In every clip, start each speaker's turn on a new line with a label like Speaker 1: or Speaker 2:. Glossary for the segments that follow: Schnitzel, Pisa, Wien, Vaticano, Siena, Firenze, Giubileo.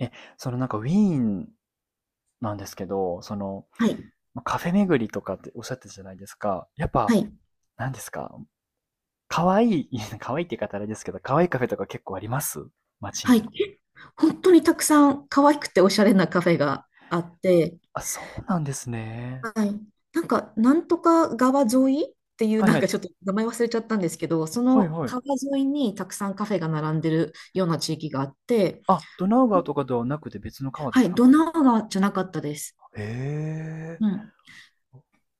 Speaker 1: え、そのなんかウィーンなんですけど、その、
Speaker 2: はい、
Speaker 1: ま、カフェ巡りとかっておっしゃってたじゃないですか。やっ
Speaker 2: は
Speaker 1: ぱ、
Speaker 2: い、
Speaker 1: なんですか、可愛い、いや、可愛いって言い方あれですけど、可愛いカフェとか結構あります街
Speaker 2: はい。
Speaker 1: に。
Speaker 2: 本当にたくさん可愛くておしゃれなカフェがあって、
Speaker 1: あ、そうなんですね。
Speaker 2: はい。なんか、なんとか川沿いっていう、
Speaker 1: はい
Speaker 2: な
Speaker 1: は
Speaker 2: んか
Speaker 1: い。
Speaker 2: ちょっと名前忘れちゃったんですけど、そ
Speaker 1: はい
Speaker 2: の
Speaker 1: はい。
Speaker 2: 川沿いにたくさんカフェが並んでるような地域があって、
Speaker 1: あ、ドナウ川とかではなくて別の川で
Speaker 2: は
Speaker 1: す
Speaker 2: い、
Speaker 1: か
Speaker 2: ドナウ川じゃなかったです。
Speaker 1: へえ。
Speaker 2: うん。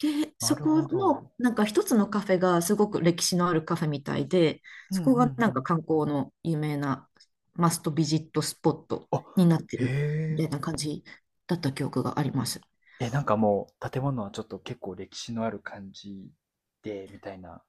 Speaker 2: で、
Speaker 1: な
Speaker 2: そ
Speaker 1: る
Speaker 2: こ
Speaker 1: ほど。
Speaker 2: の、なんか一つのカフェがすごく歴史のあるカフェみたいで、
Speaker 1: うんう
Speaker 2: そ
Speaker 1: んう
Speaker 2: こがなんか
Speaker 1: ん。
Speaker 2: 観光の有名なマストビジットスポット
Speaker 1: あ、
Speaker 2: になって
Speaker 1: へ
Speaker 2: るみたい
Speaker 1: え。
Speaker 2: な感じだった記憶があります。
Speaker 1: え、なんかもう建物はちょっと結構歴史のある感じで、みたいな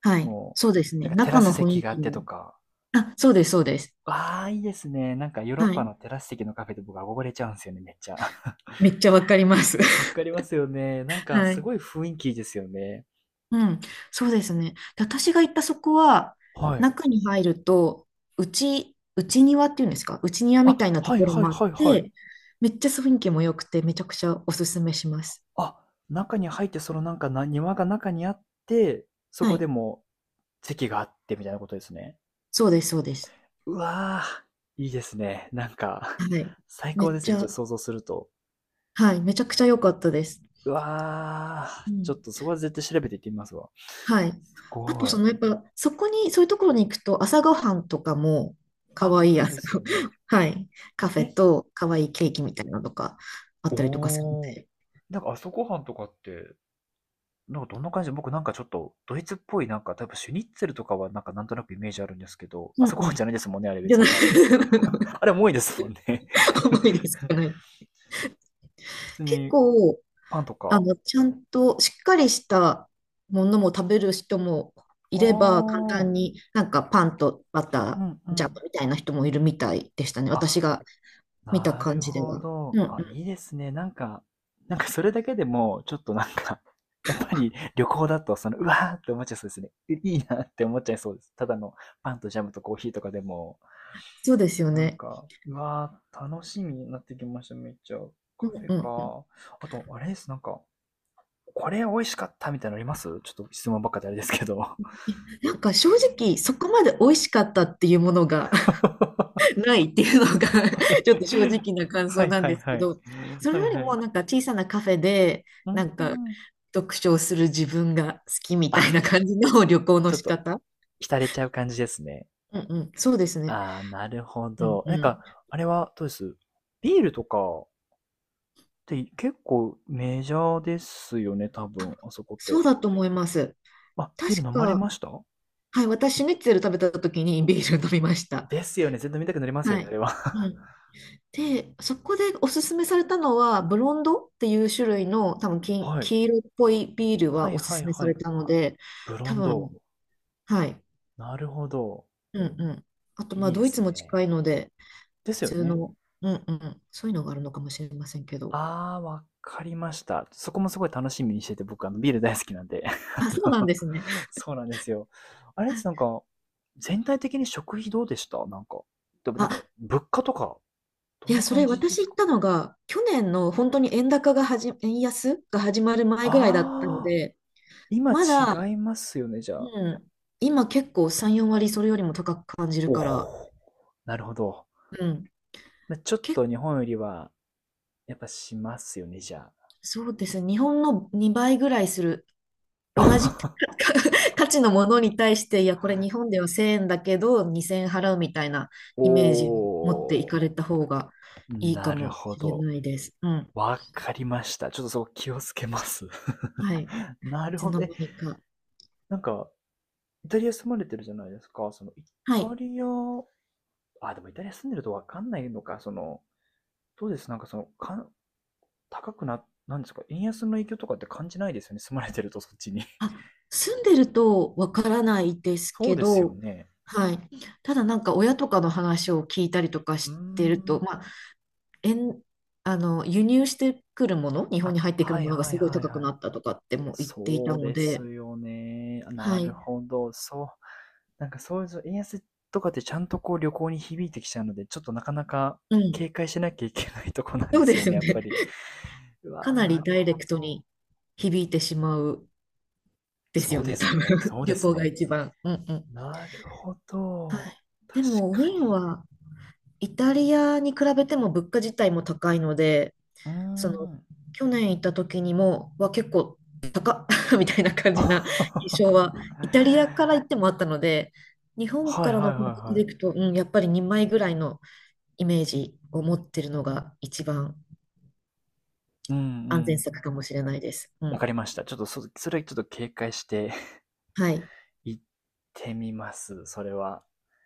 Speaker 2: はい。
Speaker 1: も
Speaker 2: そうです
Speaker 1: う、だ
Speaker 2: ね。
Speaker 1: からテラ
Speaker 2: 中
Speaker 1: ス
Speaker 2: の雰
Speaker 1: 席
Speaker 2: 囲
Speaker 1: があ
Speaker 2: 気
Speaker 1: ってと
Speaker 2: も。
Speaker 1: か、
Speaker 2: あ、そうです、そうです。
Speaker 1: ああ、いいですね。なんかヨーロッ
Speaker 2: は
Speaker 1: パ
Speaker 2: い。
Speaker 1: のテラス席のカフェで僕憧れちゃうんですよね、めっちゃ。
Speaker 2: めっちゃわかります。
Speaker 1: わかりますよね。なん か
Speaker 2: は
Speaker 1: す
Speaker 2: い。
Speaker 1: ごい雰囲気いいですよね。
Speaker 2: うん、そうですね。で私が行ったそこは、
Speaker 1: はい。
Speaker 2: 中に入ると、内庭っていうんですか、内庭みたい
Speaker 1: あ、
Speaker 2: なと
Speaker 1: はい
Speaker 2: ころ
Speaker 1: はい
Speaker 2: もあっ
Speaker 1: はいはい。
Speaker 2: て、めっちゃ雰囲気も良くて、めちゃくちゃおすすめします。
Speaker 1: あ、中に入ってそのなんかな庭が中にあって、そ
Speaker 2: は
Speaker 1: こで
Speaker 2: い、
Speaker 1: も席があってみたいなことですね。
Speaker 2: そうです、そうです。
Speaker 1: うわあ、いいですね。なんか
Speaker 2: はい、
Speaker 1: 最
Speaker 2: め
Speaker 1: 高で
Speaker 2: っ
Speaker 1: す
Speaker 2: ち
Speaker 1: ね。ちょ
Speaker 2: ゃ、
Speaker 1: っと想像すると。
Speaker 2: はい、めちゃくちゃ良かったです。
Speaker 1: うわあ、
Speaker 2: う
Speaker 1: ち
Speaker 2: ん、
Speaker 1: ょっとそこは絶対調べていってみますわ。
Speaker 2: はい。
Speaker 1: す
Speaker 2: あと、
Speaker 1: ご
Speaker 2: そ
Speaker 1: い。
Speaker 2: の、やっぱ、そこに、そういうところに行くと、朝ごはんとかも、可
Speaker 1: あ、
Speaker 2: 愛い
Speaker 1: そう
Speaker 2: 朝、
Speaker 1: ですよね。
Speaker 2: はい、カフ
Speaker 1: え、
Speaker 2: ェと、可愛いケーキみたいなのとか、あっ
Speaker 1: お
Speaker 2: たりとかするの
Speaker 1: お。
Speaker 2: で。
Speaker 1: なんか朝ごはんとかって、なんかどんな感じで、僕なんかちょっとドイツっぽいなんか、たぶんシュニッツェルとかはなんかなんとなくイメージあるんですけど、朝ご
Speaker 2: う
Speaker 1: はん
Speaker 2: ん
Speaker 1: じゃないですもんね、あれ
Speaker 2: じゃ
Speaker 1: 別
Speaker 2: ない
Speaker 1: に。あれも多いで す
Speaker 2: で
Speaker 1: も
Speaker 2: い
Speaker 1: んね。
Speaker 2: で すかね。
Speaker 1: 普通
Speaker 2: 結
Speaker 1: に
Speaker 2: 構、
Speaker 1: パンとか。
Speaker 2: ちゃんとしっかりしたものも食べる人もい
Speaker 1: あ
Speaker 2: れば、簡単
Speaker 1: あ、
Speaker 2: になんかパンとバ
Speaker 1: う
Speaker 2: タ
Speaker 1: んう
Speaker 2: ー、ジャム
Speaker 1: ん。
Speaker 2: みたいな人もいるみたいでしたね。私
Speaker 1: あ、
Speaker 2: が見た
Speaker 1: な
Speaker 2: 感
Speaker 1: る
Speaker 2: じで
Speaker 1: ほ
Speaker 2: は。う
Speaker 1: ど。
Speaker 2: んう
Speaker 1: あ、いい
Speaker 2: ん、
Speaker 1: ですね。なんか、なんかそれだけでも、ちょっとなんか やっぱり旅行だと、その、うわーって思っちゃいそうですね。いいいなって思っちゃいそうです。ただのパンとジャムとコーヒーとかでも。
Speaker 2: そうですよ
Speaker 1: なん
Speaker 2: ね。
Speaker 1: か、うわー、楽しみになってきました、めっちゃ。
Speaker 2: うん
Speaker 1: カフェ
Speaker 2: うんうん。
Speaker 1: か。あと、あれです、なんか、これ美味しかったみたいなのありますちょっと質問ばっかであれですけど。
Speaker 2: なんか正直、そこまで美味しかったっていうものがないっていうのが ちょっと正直な感
Speaker 1: は
Speaker 2: 想
Speaker 1: い
Speaker 2: なん
Speaker 1: はい
Speaker 2: です
Speaker 1: は
Speaker 2: け
Speaker 1: い。
Speaker 2: ど、それ
Speaker 1: はい
Speaker 2: より
Speaker 1: は
Speaker 2: も
Speaker 1: い。
Speaker 2: なんか小さなカフェで
Speaker 1: う
Speaker 2: なんか
Speaker 1: ん
Speaker 2: 読書をする自分が好きみ
Speaker 1: あ、
Speaker 2: たいな感じの 旅行の
Speaker 1: ちょっ
Speaker 2: 仕
Speaker 1: と、
Speaker 2: 方。
Speaker 1: 浸れちゃう感じですね。
Speaker 2: うんうん、そうですね。
Speaker 1: ああ、なるほ
Speaker 2: うん
Speaker 1: ど。なん
Speaker 2: うん。
Speaker 1: か、あれはどうですビールとかって結構メジャーですよね、多分、あそこっ
Speaker 2: そう
Speaker 1: て。
Speaker 2: だと思います。
Speaker 1: あ、ビー
Speaker 2: 確
Speaker 1: ル飲まれ
Speaker 2: か、
Speaker 1: ました
Speaker 2: はい、私、シュニッツェル食べた時にビール飲みました。
Speaker 1: ですよね。全然見たくなりますよ
Speaker 2: は
Speaker 1: ね、あれ
Speaker 2: い。
Speaker 1: は。
Speaker 2: うん。で、そこでおすすめされたのは、ブロンドっていう種類の、多分
Speaker 1: はい。
Speaker 2: 黄色っぽいビール
Speaker 1: は
Speaker 2: は
Speaker 1: い
Speaker 2: おす
Speaker 1: はい
Speaker 2: すめさ
Speaker 1: は
Speaker 2: れ
Speaker 1: い。
Speaker 2: たので、
Speaker 1: ブロ
Speaker 2: 多
Speaker 1: ン
Speaker 2: 分、
Speaker 1: ド。
Speaker 2: はい。
Speaker 1: なるほど。
Speaker 2: うんうん。あと、ま
Speaker 1: い
Speaker 2: あ、
Speaker 1: いで
Speaker 2: ドイ
Speaker 1: す
Speaker 2: ツも近
Speaker 1: ね。
Speaker 2: いので、
Speaker 1: で
Speaker 2: 普
Speaker 1: すよ
Speaker 2: 通
Speaker 1: ね。
Speaker 2: の、うんうん、そういうのがあるのかもしれませんけど。
Speaker 1: ああ、わかりました。そこもすごい楽しみにしてて、僕、あの、ビール大好きなんで。あ
Speaker 2: あ、そうなん
Speaker 1: の
Speaker 2: ですね。
Speaker 1: そうなんですよ。あれです、なん か、全体的に食費どうでしたなんか。でもなんか、
Speaker 2: あ、
Speaker 1: 物価とか、ど
Speaker 2: い
Speaker 1: んな
Speaker 2: や、そ
Speaker 1: 感
Speaker 2: れ
Speaker 1: じで
Speaker 2: 私
Speaker 1: す
Speaker 2: 行っ
Speaker 1: か
Speaker 2: たのが、去年の本当に円高がはじ、円安が始まる前ぐらいだったの
Speaker 1: ああ、
Speaker 2: で、
Speaker 1: 今
Speaker 2: まだ、
Speaker 1: 違いますよね、じゃ
Speaker 2: う
Speaker 1: あ。
Speaker 2: ん、今結構3、4割それよりも高く感じる
Speaker 1: お
Speaker 2: から、
Speaker 1: お、なるほど。
Speaker 2: うん、
Speaker 1: まあちょっ
Speaker 2: け、
Speaker 1: と日本よりは、やっぱしますよね、じゃ
Speaker 2: そうですね、日本の2倍ぐらいする同じ
Speaker 1: あ。
Speaker 2: 価値のものに対して、いや、これ日 本では1000円だけど2000円払うみたいな
Speaker 1: お
Speaker 2: イメージを持ってい
Speaker 1: お、
Speaker 2: かれた方がいいか
Speaker 1: なる
Speaker 2: も
Speaker 1: ほ
Speaker 2: しれ
Speaker 1: ど。
Speaker 2: ないです。うん。
Speaker 1: わかりました。ちょっとそこ気をつけます。
Speaker 2: はい。
Speaker 1: な
Speaker 2: い
Speaker 1: る
Speaker 2: つ
Speaker 1: ほ
Speaker 2: の
Speaker 1: ど。え、
Speaker 2: 間にか。
Speaker 1: なんか、イタリア住まれてるじゃないですか。その、イ
Speaker 2: は
Speaker 1: タ
Speaker 2: い。
Speaker 1: リア、あ、でもイタリア住んでるとわかんないのか。その、どうですなんかその、かん、高くな、なんですか円安の影響とかって感じないですよね。住まれてるとそっちに。
Speaker 2: あ、住んでるとわからないです
Speaker 1: そう
Speaker 2: け
Speaker 1: ですよ
Speaker 2: ど、
Speaker 1: ね。
Speaker 2: はい。ただなんか親とかの話を聞いたりとか
Speaker 1: うー
Speaker 2: してると、
Speaker 1: ん。
Speaker 2: まあ、円あの、輸入してくるもの、日本
Speaker 1: あ、
Speaker 2: に入ってくる
Speaker 1: はい
Speaker 2: ものが
Speaker 1: は
Speaker 2: す
Speaker 1: い
Speaker 2: ごい
Speaker 1: はい
Speaker 2: 高く
Speaker 1: は
Speaker 2: な
Speaker 1: い。
Speaker 2: ったとかっても言っていた
Speaker 1: そう
Speaker 2: の
Speaker 1: で
Speaker 2: で、
Speaker 1: すよね。
Speaker 2: は
Speaker 1: なる
Speaker 2: い。
Speaker 1: ほど。そう。なんかそういう円安とかってちゃんとこう旅行に響いてきちゃうので、ちょっとなかなか
Speaker 2: うん。
Speaker 1: 警戒しなきゃいけないとこなん
Speaker 2: そ
Speaker 1: で
Speaker 2: うで
Speaker 1: すよ
Speaker 2: すよ
Speaker 1: ね、やっぱ
Speaker 2: ね。
Speaker 1: り。う
Speaker 2: か
Speaker 1: わ、
Speaker 2: な
Speaker 1: な
Speaker 2: り
Speaker 1: る
Speaker 2: ダイレ
Speaker 1: ほ
Speaker 2: クト
Speaker 1: ど。
Speaker 2: に響いてしまうです
Speaker 1: そ
Speaker 2: よ
Speaker 1: うで
Speaker 2: ね、多
Speaker 1: す
Speaker 2: 分。
Speaker 1: ね。そうで
Speaker 2: 旅
Speaker 1: す
Speaker 2: 行が
Speaker 1: ね。
Speaker 2: 一番。うんうん。
Speaker 1: なるほ
Speaker 2: は
Speaker 1: ど。
Speaker 2: い。で
Speaker 1: 確
Speaker 2: も、ウ
Speaker 1: か
Speaker 2: ィ
Speaker 1: に。
Speaker 2: ーンはイタリアに比べても物価自体も高いので、
Speaker 1: うー
Speaker 2: その、
Speaker 1: ん。
Speaker 2: 去年行った時は結構高っ みたいな感 じな印
Speaker 1: は
Speaker 2: 象は、イタリアから行ってもあったので、日
Speaker 1: い
Speaker 2: 本
Speaker 1: は
Speaker 2: か
Speaker 1: い
Speaker 2: ら
Speaker 1: は
Speaker 2: の
Speaker 1: い
Speaker 2: 感覚で
Speaker 1: は
Speaker 2: い
Speaker 1: い。
Speaker 2: くと、うん、やっぱり2枚ぐらいのイメージを持ってるのが一番
Speaker 1: うんう
Speaker 2: 安全
Speaker 1: ん。
Speaker 2: 策かもしれないです。う
Speaker 1: わか
Speaker 2: ん。
Speaker 1: りました。ちょっとそ、それはちょっと警戒して
Speaker 2: はい。
Speaker 1: 行ってみます。それは。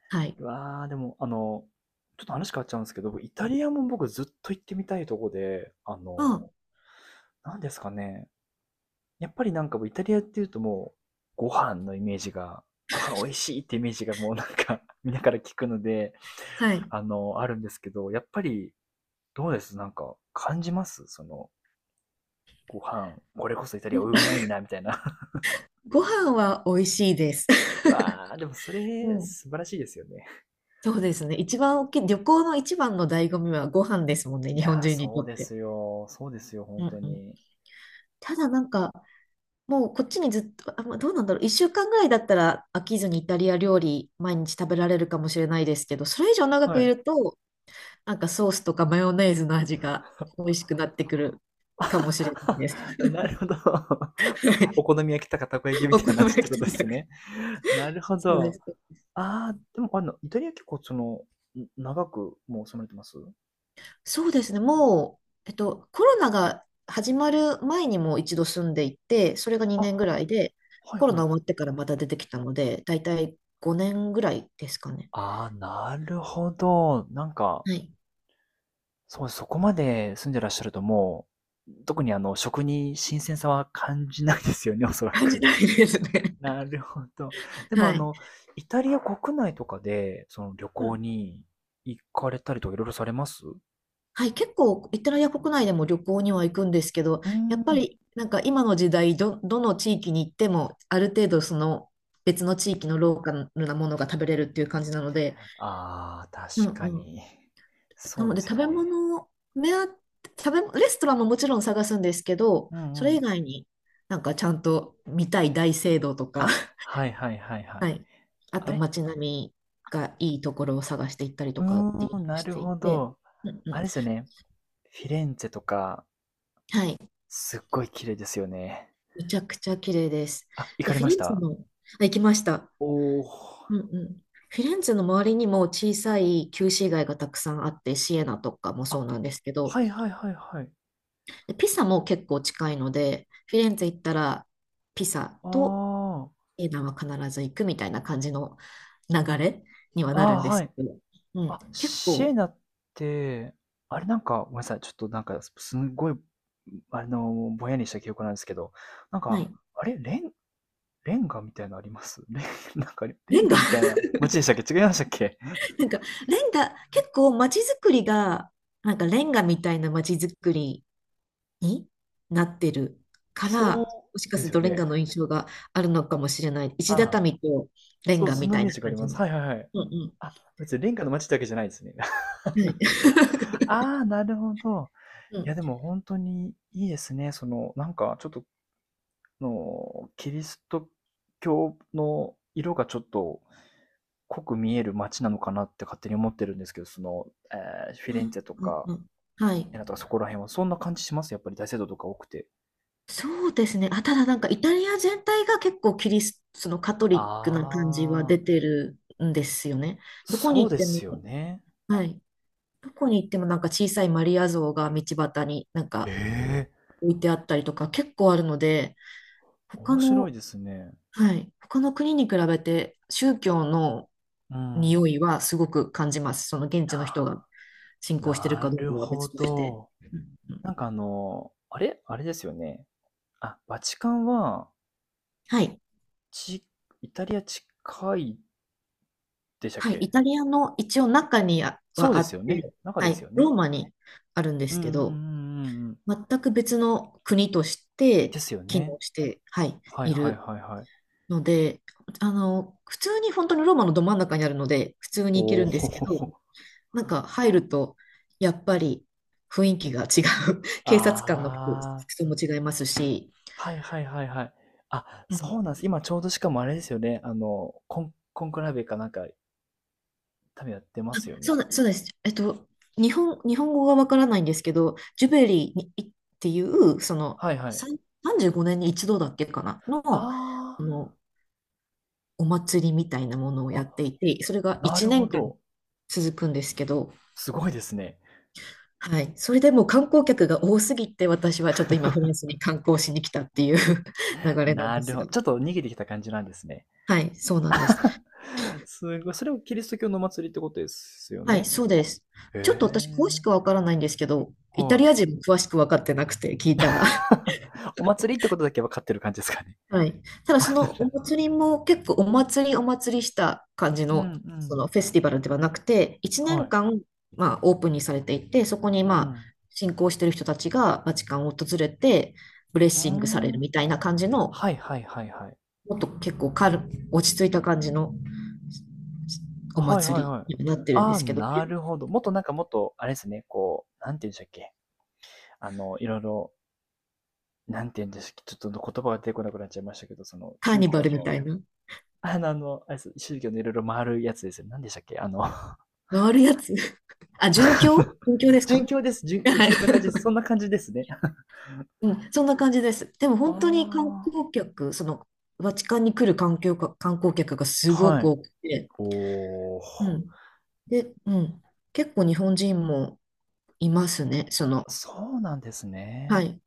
Speaker 2: はい。
Speaker 1: うわあ、でも、あの、ちょっと話変わっちゃうんですけど、僕イタリアも僕ずっと行ってみたいとこで、あ
Speaker 2: ま
Speaker 1: の、
Speaker 2: あ、
Speaker 1: なんですかね。やっぱりなんかもうイタリアっていうともう、ご飯のイメージが、ご飯美味しいってイメージがもうなんか みんなから聞くので、
Speaker 2: はい。
Speaker 1: あの、あるんですけど、やっぱりどうですなんか感じますその、ご飯、これこそイタリアうまいな、みたいな。
Speaker 2: ご飯は美味しいです。
Speaker 1: うわー、でもそ
Speaker 2: う
Speaker 1: れ
Speaker 2: ん。
Speaker 1: 素晴らしいですよね。
Speaker 2: そうですね。一番大きい、旅行の一番の醍醐味はご飯ですもんね、
Speaker 1: い
Speaker 2: 日本
Speaker 1: やー、
Speaker 2: 人にと
Speaker 1: そう
Speaker 2: っ
Speaker 1: で
Speaker 2: て。
Speaker 1: すよ。そうですよ、本
Speaker 2: うん
Speaker 1: 当
Speaker 2: うん、
Speaker 1: に。
Speaker 2: ただなんか、もうこっちにずっと、あ、まあどうなんだろう、1週間ぐらいだったら飽きずにイタリア料理毎日食べられるかもしれないですけど、それ以上長
Speaker 1: は
Speaker 2: くい
Speaker 1: い。
Speaker 2: ると、なんかソースとかマヨネーズの味が美味しくなってくるかもしれないです。
Speaker 1: なるほど。お好 み焼きとかたこ焼きみ
Speaker 2: お
Speaker 1: た
Speaker 2: 好
Speaker 1: いな
Speaker 2: み
Speaker 1: 話って
Speaker 2: 焼
Speaker 1: こ
Speaker 2: き
Speaker 1: と
Speaker 2: 食
Speaker 1: で
Speaker 2: べた
Speaker 1: す
Speaker 2: く。
Speaker 1: ね。なるほ
Speaker 2: そうで
Speaker 1: ど。
Speaker 2: す。
Speaker 1: ああ、でも、あの、イタリア結構その、ん長くもう住まれてます
Speaker 2: そうですね。もう、コロナが始まる前にも一度住んでいて、それが
Speaker 1: あ、
Speaker 2: 2年ぐらいで、
Speaker 1: はい
Speaker 2: コロ
Speaker 1: は
Speaker 2: ナ
Speaker 1: い。
Speaker 2: 終わってからまた出てきたので、だいたい5年ぐらいですかね。
Speaker 1: ああ、なるほど。なんか、
Speaker 2: はい。
Speaker 1: そう、そこまで住んでらっしゃるともう、特にあの、食に新鮮さは感じないですよね、おそら
Speaker 2: 感じ
Speaker 1: く。
Speaker 2: ないです ね。
Speaker 1: なるほど。でも
Speaker 2: は
Speaker 1: あ
Speaker 2: い。
Speaker 1: の、イタリア国内とかで、その旅
Speaker 2: う
Speaker 1: 行
Speaker 2: ん。
Speaker 1: に行かれたりとかいろいろされますう
Speaker 2: はい。結構、イタリア国内でも旅行には行くんですけど、
Speaker 1: ー
Speaker 2: やっぱ
Speaker 1: ん。
Speaker 2: り、なんか今の時代、どの地域に行っても、ある程度その別の地域のローカルなものが食べれるっていう感じなので、
Speaker 1: ああ、
Speaker 2: うん
Speaker 1: 確か
Speaker 2: うん、
Speaker 1: に。
Speaker 2: な
Speaker 1: そう
Speaker 2: の
Speaker 1: で
Speaker 2: で
Speaker 1: す
Speaker 2: 食
Speaker 1: よ
Speaker 2: べ
Speaker 1: ね。
Speaker 2: 物目当て、食べ、レストランももちろん探すんですけど、
Speaker 1: う
Speaker 2: そ
Speaker 1: ん
Speaker 2: れ
Speaker 1: う
Speaker 2: 以
Speaker 1: ん。
Speaker 2: 外になんかちゃんと見たい大聖堂とか、
Speaker 1: あ、はいはいはいは
Speaker 2: は
Speaker 1: い。
Speaker 2: い。あ
Speaker 1: あ
Speaker 2: と
Speaker 1: れ
Speaker 2: 街並みがいいところを探していったり
Speaker 1: う
Speaker 2: とかっていう
Speaker 1: ー
Speaker 2: の
Speaker 1: ん、
Speaker 2: を
Speaker 1: な
Speaker 2: し
Speaker 1: る
Speaker 2: てい
Speaker 1: ほ
Speaker 2: て、
Speaker 1: ど。
Speaker 2: うんう
Speaker 1: あ
Speaker 2: ん。
Speaker 1: れですよね。フィレンツェとか、
Speaker 2: はい。
Speaker 1: すっごい綺麗ですよね。
Speaker 2: めちゃくちゃ綺麗です。
Speaker 1: あ、行
Speaker 2: で、
Speaker 1: かれ
Speaker 2: フィ
Speaker 1: まし
Speaker 2: レンツェ
Speaker 1: た
Speaker 2: の、あ、行きました。
Speaker 1: おー。
Speaker 2: うんうん。フィレンツェの周りにも小さい旧市街がたくさんあって、シエナとかもそう
Speaker 1: あ、
Speaker 2: なんですけど、
Speaker 1: はいはいはいはい。
Speaker 2: ピサも結構近いので、フィレンツェ行ったらピサと
Speaker 1: あ
Speaker 2: エナは必ず行くみたいな感じの流れには
Speaker 1: あ、
Speaker 2: なるん
Speaker 1: あ
Speaker 2: で
Speaker 1: あ、は
Speaker 2: す
Speaker 1: い。
Speaker 2: けど、うん、
Speaker 1: あ、
Speaker 2: 結
Speaker 1: シエ
Speaker 2: 構、
Speaker 1: ナって、あれなんか、ごめんなさい。ちょっとなんか、すすんごい、あの、ぼんやりした記憶なんですけど、なん
Speaker 2: は
Speaker 1: か、
Speaker 2: い、
Speaker 1: あれレン、レンガみたいなのあります なんかレ
Speaker 2: レ
Speaker 1: ン
Speaker 2: ン
Speaker 1: ガ
Speaker 2: ガ
Speaker 1: みたいな 街でしたっけ違いましたっけ
Speaker 2: なんかレンガ、結構街づくりが、なんかレンガみたいな街づくりになってるから、
Speaker 1: そ
Speaker 2: もし
Speaker 1: う
Speaker 2: か
Speaker 1: で
Speaker 2: する
Speaker 1: すよ
Speaker 2: とレンガ
Speaker 1: ね。
Speaker 2: の印象があるのかもしれない。石
Speaker 1: あ
Speaker 2: 畳とレン
Speaker 1: そう、
Speaker 2: ガ
Speaker 1: そん
Speaker 2: み
Speaker 1: なイ
Speaker 2: たい
Speaker 1: メー
Speaker 2: な
Speaker 1: ジがあ
Speaker 2: 感
Speaker 1: り
Speaker 2: じ
Speaker 1: ます。
Speaker 2: の。
Speaker 1: はいはいはい。
Speaker 2: うん
Speaker 1: あ、別に、レンガの街ってわけじゃないですね。
Speaker 2: うん。は
Speaker 1: な
Speaker 2: い。
Speaker 1: るほど。ああ、なるほど。
Speaker 2: う
Speaker 1: いや、
Speaker 2: ん。
Speaker 1: でも本当にいいですね。その、なんかちょっと、の、キリスト教の色がちょっと濃く見える街なのかなって勝手に思ってるんですけど、その、フィ
Speaker 2: う
Speaker 1: レン
Speaker 2: ん
Speaker 1: ツェと
Speaker 2: うん
Speaker 1: か、
Speaker 2: うん。はい。
Speaker 1: エナとかそこら辺はそんな感じします？やっぱり大聖堂とか多くて。
Speaker 2: そうですね。あ、ただなんかイタリア全体が結構キリスト、のカトリックな感じは
Speaker 1: あ
Speaker 2: 出
Speaker 1: あ、
Speaker 2: てるんですよね。どこ
Speaker 1: そ
Speaker 2: に
Speaker 1: う
Speaker 2: 行っ
Speaker 1: で
Speaker 2: ても、
Speaker 1: すよね。
Speaker 2: はい。どこに行ってもなんか小さいマリア像が道端になん
Speaker 1: え
Speaker 2: か
Speaker 1: え、
Speaker 2: 置いてあったりとか結構あるので、他
Speaker 1: 面白い
Speaker 2: の、
Speaker 1: ですね。
Speaker 2: はい。他の国に比べて宗教の
Speaker 1: うん。
Speaker 2: 匂いはすごく感じます。その現地の人が
Speaker 1: ああ。
Speaker 2: 信仰してる
Speaker 1: な
Speaker 2: かどう
Speaker 1: る
Speaker 2: かは
Speaker 1: ほ
Speaker 2: 別として。
Speaker 1: ど。
Speaker 2: うんうん、
Speaker 1: なんかあの、あれあれですよね。あ、バチカンは、
Speaker 2: はい。
Speaker 1: ち、イタリア近いでしたっ
Speaker 2: はい、
Speaker 1: け
Speaker 2: イタリアの一応中に
Speaker 1: そう
Speaker 2: あ
Speaker 1: です
Speaker 2: っ
Speaker 1: よね。
Speaker 2: て、
Speaker 1: 中
Speaker 2: は
Speaker 1: です
Speaker 2: い、
Speaker 1: よね。
Speaker 2: ローマにあるんで
Speaker 1: うん
Speaker 2: す
Speaker 1: うんう
Speaker 2: け
Speaker 1: んう
Speaker 2: ど、
Speaker 1: んうん。
Speaker 2: 全く別の国として
Speaker 1: ですよ
Speaker 2: 機
Speaker 1: ね。
Speaker 2: 能して、はい、
Speaker 1: はい
Speaker 2: い
Speaker 1: はい
Speaker 2: る
Speaker 1: はいはい。
Speaker 2: ので、あの、普通に本当にローマのど真ん中にあるので、普通
Speaker 1: お
Speaker 2: に行けるんですけ
Speaker 1: お。
Speaker 2: ど、なんか入ると、やっぱり雰囲気が違う。警察官の
Speaker 1: あ
Speaker 2: 服
Speaker 1: あ。
Speaker 2: 装も違いますし、
Speaker 1: はいはいはいはい。あ、
Speaker 2: う
Speaker 1: そ
Speaker 2: ん、
Speaker 1: うなんです。今ちょうどしかもあれですよね。あの、コンクラベかなんか、多分やってますよ
Speaker 2: そう
Speaker 1: ね。
Speaker 2: な、そうです。日本語がわからないんですけど、ジュベリーにいっていう、その、
Speaker 1: はいはい。
Speaker 2: 35年に一度だっけかな、の、
Speaker 1: あ
Speaker 2: あの、お祭りみたいなものを
Speaker 1: あ。
Speaker 2: やっ
Speaker 1: あ、
Speaker 2: ていて、それが
Speaker 1: な
Speaker 2: 1
Speaker 1: るほ
Speaker 2: 年間
Speaker 1: ど。
Speaker 2: 続くんですけど、
Speaker 1: すごいですね。
Speaker 2: はい。それでもう観光客が多すぎて、私はちょっと今フランス に観光しに来たっていう 流れなん
Speaker 1: な
Speaker 2: で
Speaker 1: る
Speaker 2: す
Speaker 1: ほど。
Speaker 2: が。
Speaker 1: ちょっと逃げてきた感じなんですね。
Speaker 2: はい、そうなんです。
Speaker 1: すごい。それをキリスト教のお祭りってことですよ
Speaker 2: はい、
Speaker 1: ね。
Speaker 2: そうです。
Speaker 1: へ
Speaker 2: ちょっと私詳し
Speaker 1: え。
Speaker 2: くわからないんですけど、イタ
Speaker 1: は
Speaker 2: リア人
Speaker 1: い。
Speaker 2: も詳しく分かってなくて聞いたら、
Speaker 1: お祭りってことだけ分かってる感じですかね。
Speaker 2: はい。ただそのお祭りも結構お祭りお祭りした感じ
Speaker 1: うんう
Speaker 2: の、そ
Speaker 1: ん。
Speaker 2: のフェスティバルではなくて、1
Speaker 1: は
Speaker 2: 年
Speaker 1: い。
Speaker 2: 間、まあ、オープンにされていて、そこに
Speaker 1: う
Speaker 2: まあ
Speaker 1: ん。
Speaker 2: 信仰してる人たちがバチカンを訪れて、ブレッ
Speaker 1: うー
Speaker 2: シングされる
Speaker 1: ん。
Speaker 2: みたいな感じの、
Speaker 1: はいはいはいはい。
Speaker 2: もっと結構落ち着いた感じのお
Speaker 1: はいはい
Speaker 2: 祭
Speaker 1: はい。
Speaker 2: りになってるん
Speaker 1: あ
Speaker 2: で
Speaker 1: あ、
Speaker 2: すけど、
Speaker 1: なるほど。もっとなんかもっと、あれですね、こう、なんて言うんでしたっけ。あの、いろいろ、なんて言うんでしたっけ。ちょっと言葉が出てこなくなっちゃいましたけど、その、
Speaker 2: カー
Speaker 1: 宗
Speaker 2: ニバ
Speaker 1: 教
Speaker 2: ルみ
Speaker 1: の、
Speaker 2: たいな、
Speaker 1: あの、あのあれです宗教のいろいろ回るやつですよ。なんでしたっけあの
Speaker 2: 回るやつ。あ、殉教で す
Speaker 1: 殉
Speaker 2: か。
Speaker 1: 教です。
Speaker 2: はい。
Speaker 1: そんな感じで す。そんな感じですね。
Speaker 2: うん、そんな感じです。でも
Speaker 1: あ
Speaker 2: 本当に観
Speaker 1: あ。
Speaker 2: 光客、そのバチカンに来る観光客、観光客がすご
Speaker 1: は
Speaker 2: く
Speaker 1: い。
Speaker 2: 多くて、
Speaker 1: おー。
Speaker 2: うん。で、うん。結構日本人もいますね、その。
Speaker 1: そうなんです
Speaker 2: は
Speaker 1: ね。
Speaker 2: い。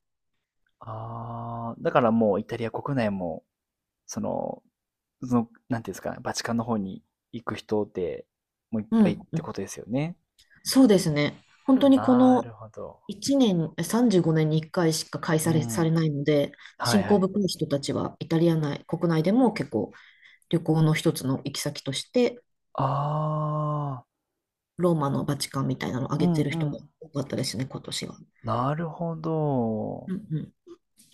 Speaker 1: ああ。だからもうイタリア国内も、その、その、なんていうんですかね、バチカンの方に行く人でもういっ
Speaker 2: う
Speaker 1: ぱいっ
Speaker 2: ん、う
Speaker 1: て
Speaker 2: ん。
Speaker 1: ことですよね。
Speaker 2: そうですね。本当にこ
Speaker 1: なる
Speaker 2: の
Speaker 1: ほど。
Speaker 2: 1年、35年に1回しか開催
Speaker 1: う
Speaker 2: され、
Speaker 1: ん。
Speaker 2: されないので、
Speaker 1: はい
Speaker 2: 新
Speaker 1: は
Speaker 2: 興
Speaker 1: い。
Speaker 2: 部い人たちはイタリア内、国内でも結構旅行の一つの行き先として、
Speaker 1: ああ。
Speaker 2: ローマのバチカンみたいなのを
Speaker 1: う
Speaker 2: 挙げ
Speaker 1: ん
Speaker 2: てる
Speaker 1: う
Speaker 2: 人が
Speaker 1: ん。
Speaker 2: 多かったですね、今年は。
Speaker 1: なるほど。
Speaker 2: うんうん